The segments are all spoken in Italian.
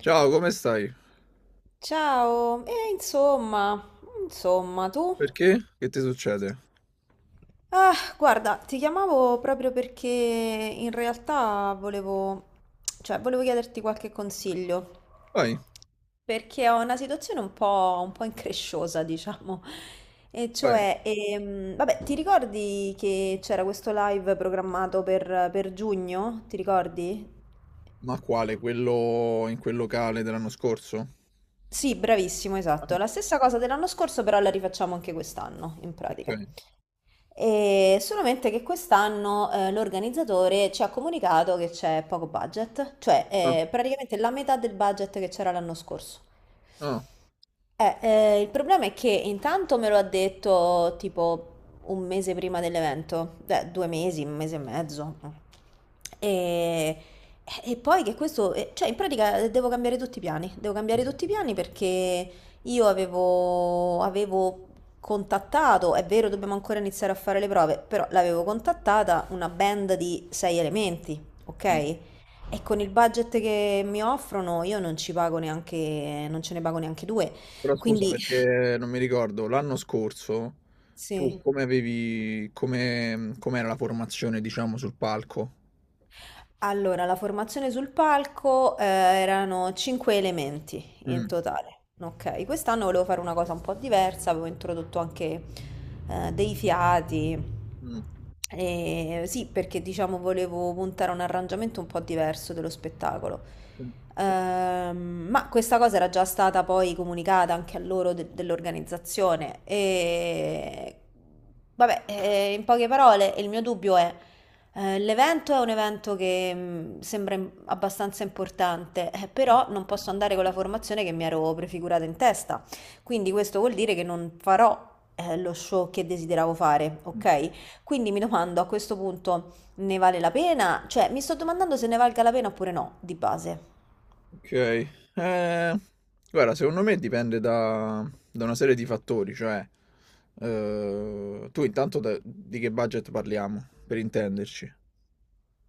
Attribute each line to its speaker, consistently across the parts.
Speaker 1: Ciao, come stai?
Speaker 2: Ciao, e insomma, tu?
Speaker 1: Perché? Che ti succede?
Speaker 2: Ah, guarda, ti chiamavo proprio perché in realtà cioè, volevo chiederti qualche consiglio,
Speaker 1: Vai,
Speaker 2: perché ho una situazione un po' incresciosa, diciamo. E
Speaker 1: vai.
Speaker 2: cioè, vabbè, ti ricordi che c'era questo live programmato per giugno? Ti ricordi?
Speaker 1: Ma quale? Quello in quel locale dell'anno scorso?
Speaker 2: Sì, bravissimo,
Speaker 1: Ah,
Speaker 2: esatto. La stessa cosa dell'anno scorso, però la rifacciamo anche quest'anno, in pratica.
Speaker 1: ok.
Speaker 2: E solamente che quest'anno l'organizzatore ci ha comunicato che c'è poco budget, cioè
Speaker 1: Ah,
Speaker 2: praticamente la metà del budget che c'era l'anno scorso.
Speaker 1: ah.
Speaker 2: Il problema è che intanto me lo ha detto tipo un mese prima dell'evento, beh, 2 mesi, un mese e mezzo. E, e poi che questo, cioè in pratica devo cambiare tutti i piani, devo cambiare tutti i piani perché io avevo contattato, è vero, dobbiamo ancora iniziare a fare le prove, però l'avevo contattata una band di sei elementi, ok?
Speaker 1: Mm.
Speaker 2: E con il budget che mi offrono io non ci pago neanche, non ce ne pago neanche due.
Speaker 1: Però scusa,
Speaker 2: Quindi,
Speaker 1: perché non mi ricordo, l'anno scorso tu
Speaker 2: sì,
Speaker 1: com'era la formazione, diciamo, sul palco?
Speaker 2: allora la formazione sul palco erano cinque elementi in
Speaker 1: Mm,
Speaker 2: totale. Ok, quest'anno volevo fare una cosa un po' diversa, avevo introdotto anche dei fiati.
Speaker 1: mm,
Speaker 2: E sì, perché diciamo volevo puntare a un arrangiamento un po' diverso dello spettacolo.
Speaker 1: mm,
Speaker 2: Ma questa cosa era già stata poi comunicata anche a loro dell'organizzazione. E vabbè, in poche parole, il mio dubbio è. L'evento è un evento che sembra abbastanza importante,
Speaker 1: mm.
Speaker 2: però non posso andare con la formazione che mi ero prefigurata in testa. Quindi questo vuol dire che non farò lo show che desideravo fare,
Speaker 1: Mm.
Speaker 2: ok? Quindi mi domando, a questo punto ne vale la pena? Cioè, mi sto domandando se ne valga la pena oppure no, di base.
Speaker 1: Ok, guarda, secondo me dipende da una serie di fattori, cioè tu intanto di che budget parliamo, per intenderci.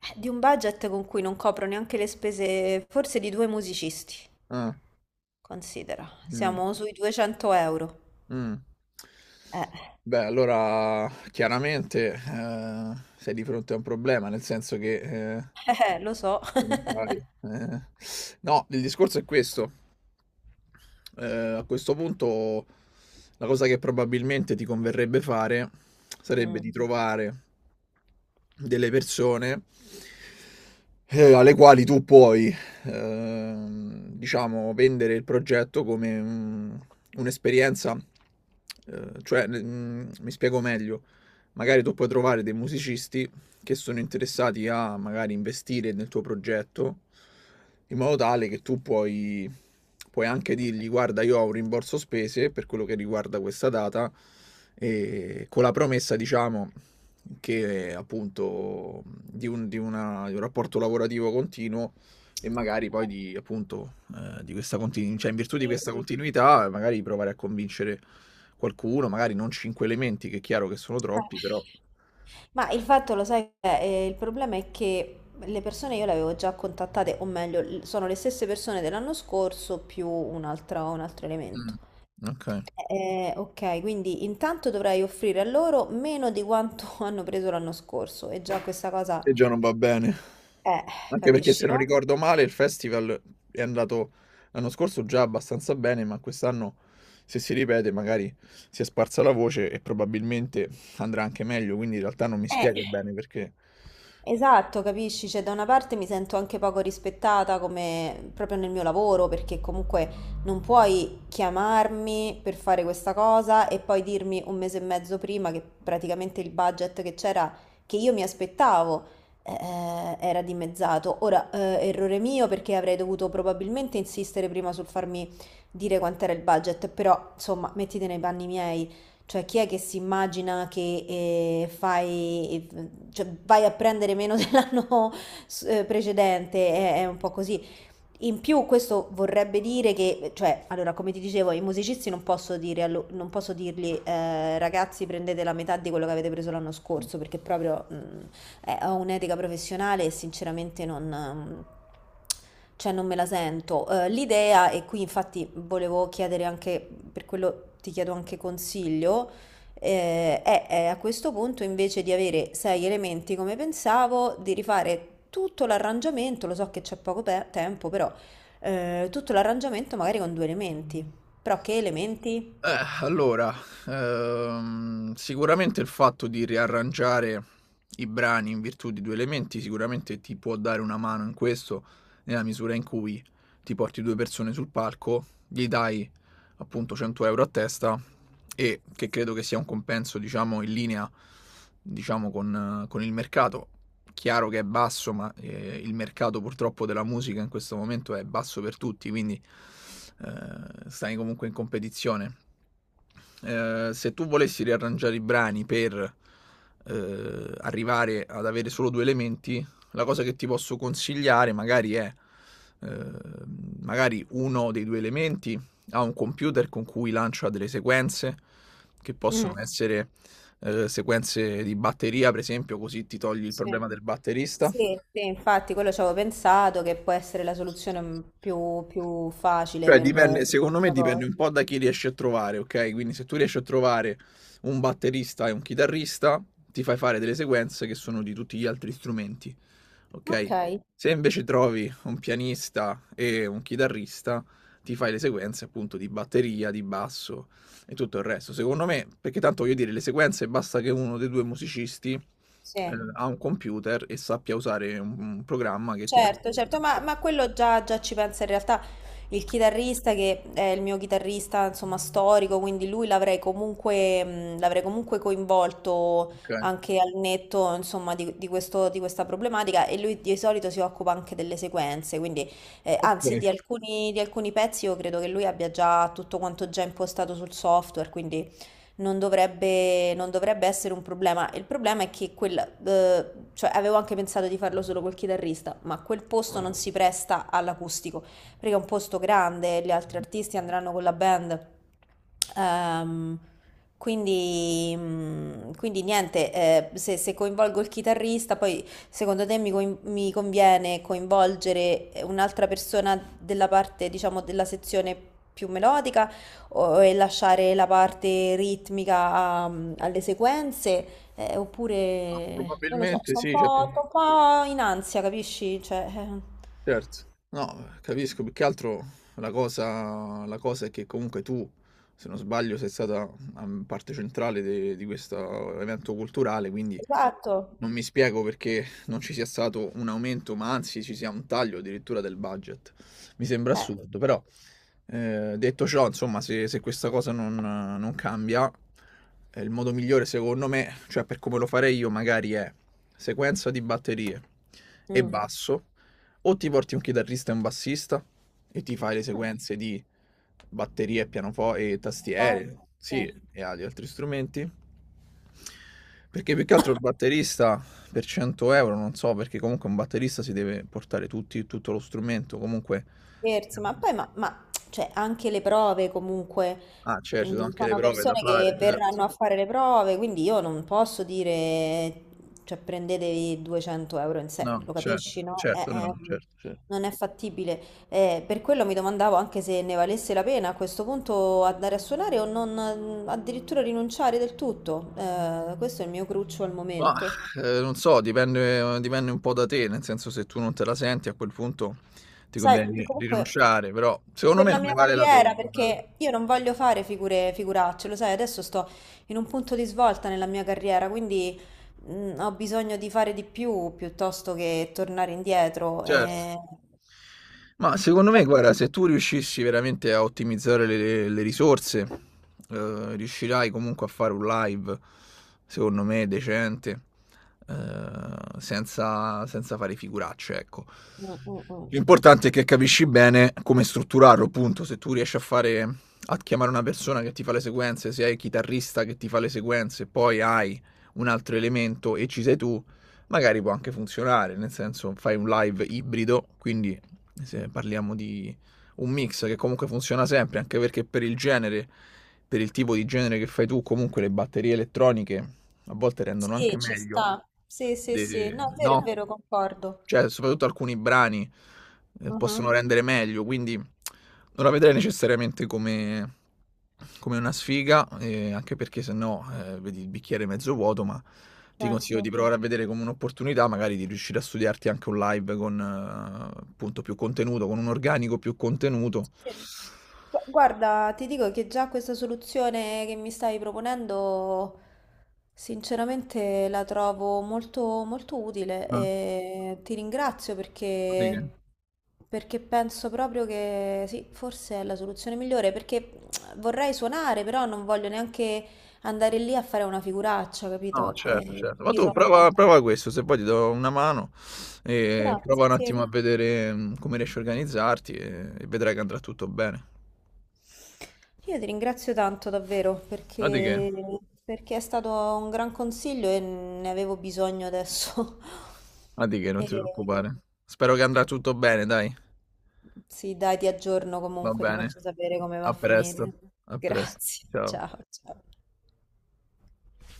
Speaker 2: Di un budget con cui non copro neanche le spese, forse di due musicisti.
Speaker 1: Ah,
Speaker 2: Considera,
Speaker 1: mm,
Speaker 2: siamo sui 200 euro.
Speaker 1: mm.
Speaker 2: Eh,
Speaker 1: Beh, allora chiaramente sei di fronte a un problema, nel senso che eh,
Speaker 2: lo so.
Speaker 1: come fai? No, il discorso è questo. A questo punto, la cosa che probabilmente ti converrebbe fare sarebbe
Speaker 2: Mm.
Speaker 1: di trovare delle persone alle quali tu puoi, diciamo, vendere il progetto come un'esperienza, cioè, mi spiego meglio. Magari tu puoi trovare dei musicisti che sono interessati a, magari, investire nel tuo progetto, in modo tale che tu puoi anche dirgli: guarda, io ho un rimborso spese per quello che riguarda questa data, e con la promessa, diciamo, che, appunto, di un rapporto lavorativo continuo, e magari poi di, appunto, di questa continu cioè, in virtù di questa continuità, magari provare a convincere qualcuno, magari non 5 elementi, che è chiaro che sono troppi,
Speaker 2: Eh.
Speaker 1: però.
Speaker 2: Ma il fatto, lo sai, il problema è che le persone io le avevo già contattate, o meglio, sono le stesse persone dell'anno scorso più un altro elemento.
Speaker 1: Mh, okay.
Speaker 2: Ok, quindi intanto dovrei offrire a loro meno di quanto hanno preso l'anno scorso e già questa cosa,
Speaker 1: E già non va bene.
Speaker 2: eh,
Speaker 1: Anche perché,
Speaker 2: capisci,
Speaker 1: se non
Speaker 2: no?
Speaker 1: ricordo male, il festival è andato l'anno scorso già abbastanza bene, ma quest'anno, se si ripete, magari si è sparsa la voce e probabilmente andrà anche meglio, quindi in realtà non mi
Speaker 2: Eh.
Speaker 1: spiego bene perché.
Speaker 2: Esatto, capisci? Cioè, da una parte mi sento anche poco rispettata come proprio nel mio lavoro, perché comunque non puoi chiamarmi per fare questa cosa e poi dirmi un mese e mezzo prima che praticamente il budget che c'era, che io mi aspettavo, era dimezzato. Ora, errore mio perché avrei dovuto probabilmente insistere prima sul farmi dire quant'era il budget, però insomma, mettiti nei panni miei. Cioè, chi è che si immagina che fai, cioè, vai a prendere meno dell'anno precedente? È un po' così. In più, questo vorrebbe dire che, cioè, allora, come ti dicevo, i musicisti non posso dirgli, ragazzi, prendete la metà di quello che avete preso l'anno scorso, perché proprio ho un'etica professionale e sinceramente non, cioè non me la sento. L'idea, e qui infatti volevo chiedere anche, per quello ti chiedo anche consiglio, e a questo punto, invece di avere sei elementi come pensavo, di rifare tutto l'arrangiamento, lo so che c'è poco tempo, però tutto l'arrangiamento magari con due elementi. Però che elementi?
Speaker 1: Allora, sicuramente il fatto di riarrangiare i brani in virtù di 2 elementi sicuramente ti può dare una mano in questo, nella misura in cui ti porti 2 persone sul palco, gli dai appunto 100 € a testa, e che credo che sia un compenso, diciamo, in linea, diciamo, con con il mercato. Chiaro che è basso, ma il mercato, purtroppo, della musica in questo momento è basso per tutti, quindi stai comunque in competizione. Eh, se tu volessi riarrangiare i brani per arrivare ad avere solo due elementi, la cosa che ti posso consigliare, magari, è eh, magari uno dei due elementi ha un computer con cui lancia delle sequenze, che possono
Speaker 2: Mm.
Speaker 1: essere sequenze di batteria, per esempio, così ti togli il
Speaker 2: Sì.
Speaker 1: problema del batterista.
Speaker 2: Sì, sì, infatti quello ci avevo pensato che può essere la soluzione più facile
Speaker 1: Cioè, non so,
Speaker 2: per
Speaker 1: dipende,
Speaker 2: per
Speaker 1: se... secondo me
Speaker 2: questa
Speaker 1: dipende
Speaker 2: cosa.
Speaker 1: un po' da chi riesci a trovare, ok? Quindi se tu riesci a trovare un batterista e un chitarrista, ti fai fare delle sequenze che sono di tutti gli altri strumenti,
Speaker 2: Ok,
Speaker 1: ok? Se invece trovi un pianista e un chitarrista, ti fai le sequenze, appunto, di batteria, di basso e tutto il resto. Secondo me, perché tanto voglio dire, le sequenze, basta che uno dei due musicisti
Speaker 2: sì.
Speaker 1: ha un computer e sappia usare un programma che ti
Speaker 2: Certo,
Speaker 1: permette di
Speaker 2: certo, ma,
Speaker 1: trasferire,
Speaker 2: ma quello già ci pensa in realtà il chitarrista che è il mio chitarrista, insomma, storico, quindi lui l'avrei comunque coinvolto
Speaker 1: ok?
Speaker 2: anche al netto, insomma, di, di questa problematica e lui di solito si occupa anche delle sequenze, quindi
Speaker 1: Ok.
Speaker 2: anzi di alcuni pezzi io credo che lui abbia già tutto quanto già impostato sul software, quindi non dovrebbe essere un problema. Il problema è che cioè avevo anche pensato di farlo solo col chitarrista, ma quel posto non si presta all'acustico, perché è un posto grande, gli altri artisti andranno con la band. Ehm, quindi niente, se coinvolgo il chitarrista, poi secondo te mi conviene coinvolgere un'altra persona della parte, diciamo, della sezione più melodica? E lasciare la parte ritmica alle sequenze,
Speaker 1: Ah,
Speaker 2: oppure non lo so,
Speaker 1: probabilmente
Speaker 2: sto un
Speaker 1: sì, cioè,
Speaker 2: po', sto un po' in ansia, capisci? Cioè,
Speaker 1: certo. No, capisco, più che altro la cosa è che, comunque, tu, se non sbaglio, sei stata parte centrale di questo evento culturale, quindi
Speaker 2: esatto.
Speaker 1: non mi spiego perché non ci sia stato un aumento, ma anzi ci sia un taglio, addirittura, del budget. Mi sembra
Speaker 2: Eh.
Speaker 1: assurdo, però detto ciò, insomma, se questa cosa non cambia, il modo migliore, secondo me, cioè per come lo farei io, magari è: sequenza di batterie e
Speaker 2: Mm. Mm,
Speaker 1: basso, o ti porti un chitarrista e un bassista e ti fai le
Speaker 2: un
Speaker 1: sequenze di batterie, pianoforte e
Speaker 2: po'.
Speaker 1: tastiere,
Speaker 2: Sì.
Speaker 1: sì, e agli altri strumenti. Perché, più che altro, il batterista per 100 euro, non so, perché comunque un batterista si deve portare tutto lo strumento, comunque.
Speaker 2: Scherzi, ma poi cioè, anche le prove comunque,
Speaker 1: Ah, certo, ci sono anche le
Speaker 2: sono
Speaker 1: prove da
Speaker 2: persone
Speaker 1: fare,
Speaker 2: che
Speaker 1: certo.
Speaker 2: verranno a fare le prove, quindi io non posso dire, cioè prendetevi 200 euro in sé,
Speaker 1: No,
Speaker 2: lo
Speaker 1: certo,
Speaker 2: capisci, no?
Speaker 1: certo, no, no, certo, certo.
Speaker 2: Non è fattibile. Per quello mi domandavo anche se ne valesse la pena a questo punto andare a suonare o non addirittura rinunciare del tutto. Questo è il mio cruccio al
Speaker 1: Mah,
Speaker 2: momento.
Speaker 1: non so, dipende un po' da te, nel senso, se tu non te la senti, a quel punto ti
Speaker 2: Sai,
Speaker 1: conviene ri
Speaker 2: comunque
Speaker 1: rinunciare, però secondo
Speaker 2: per
Speaker 1: me
Speaker 2: la
Speaker 1: non ne
Speaker 2: mia
Speaker 1: vale la pena,
Speaker 2: carriera,
Speaker 1: dai.
Speaker 2: perché io non voglio fare figure, figuracce, lo sai, adesso sto in un punto di svolta nella mia carriera, quindi ho bisogno di fare di più piuttosto che tornare indietro.
Speaker 1: Certo. Ma, secondo me, guarda, se tu riuscissi veramente a ottimizzare le risorse, riuscirai comunque a fare un live, secondo me, decente, senza fare figuracce, ecco.
Speaker 2: Mm, mm, mm.
Speaker 1: L'importante è che capisci bene come strutturarlo. Appunto, se tu riesci a chiamare una persona che ti fa le sequenze, se hai il chitarrista che ti fa le sequenze, poi hai un altro elemento e ci sei tu, magari può anche funzionare, nel senso, fai un live ibrido, quindi se parliamo di un mix che comunque funziona sempre, anche perché per il genere, per il tipo di genere che fai tu, comunque le batterie elettroniche a volte rendono anche
Speaker 2: Sì, ci
Speaker 1: meglio.
Speaker 2: sta. Sì, sì, sì.
Speaker 1: de-
Speaker 2: No, è
Speaker 1: no?
Speaker 2: vero, concordo.
Speaker 1: Cioè, soprattutto alcuni brani,
Speaker 2: Mhm,
Speaker 1: possono rendere meglio, quindi non la vedrei necessariamente come una sfiga, anche perché, se no, vedi il bicchiere mezzo vuoto, ma ti consiglio di
Speaker 2: certo.
Speaker 1: provare a vedere come un'opportunità, magari, di riuscire a studiarti anche un live con, appunto, più contenuto, con un organico più contenuto.
Speaker 2: Sì. Guarda, ti dico che già questa soluzione che mi stai proponendo, sinceramente la trovo molto, molto utile
Speaker 1: Ah,
Speaker 2: e ti ringrazio
Speaker 1: sì.
Speaker 2: perché penso proprio che sì, forse è la soluzione migliore, perché vorrei suonare, però non voglio neanche andare lì a fare una figuraccia,
Speaker 1: No,
Speaker 2: capito? E
Speaker 1: certo, certo. Ma
Speaker 2: quindi
Speaker 1: tu
Speaker 2: sono un po'.
Speaker 1: prova prova questo, se poi ti do una mano, prova
Speaker 2: Grazie,
Speaker 1: un
Speaker 2: sì.
Speaker 1: attimo a vedere, come riesci a organizzarti, e vedrai che andrà tutto bene.
Speaker 2: Io ti ringrazio tanto davvero
Speaker 1: Ma di che?
Speaker 2: perché è stato un gran consiglio e ne avevo bisogno adesso.
Speaker 1: Ma di che, non
Speaker 2: E
Speaker 1: ti preoccupare. Spero che andrà tutto bene, dai.
Speaker 2: sì, dai, ti aggiorno
Speaker 1: Va
Speaker 2: comunque, ti
Speaker 1: bene.
Speaker 2: faccio sapere come va a
Speaker 1: A presto.
Speaker 2: finire.
Speaker 1: A pres
Speaker 2: Grazie,
Speaker 1: ciao.
Speaker 2: ciao, ciao.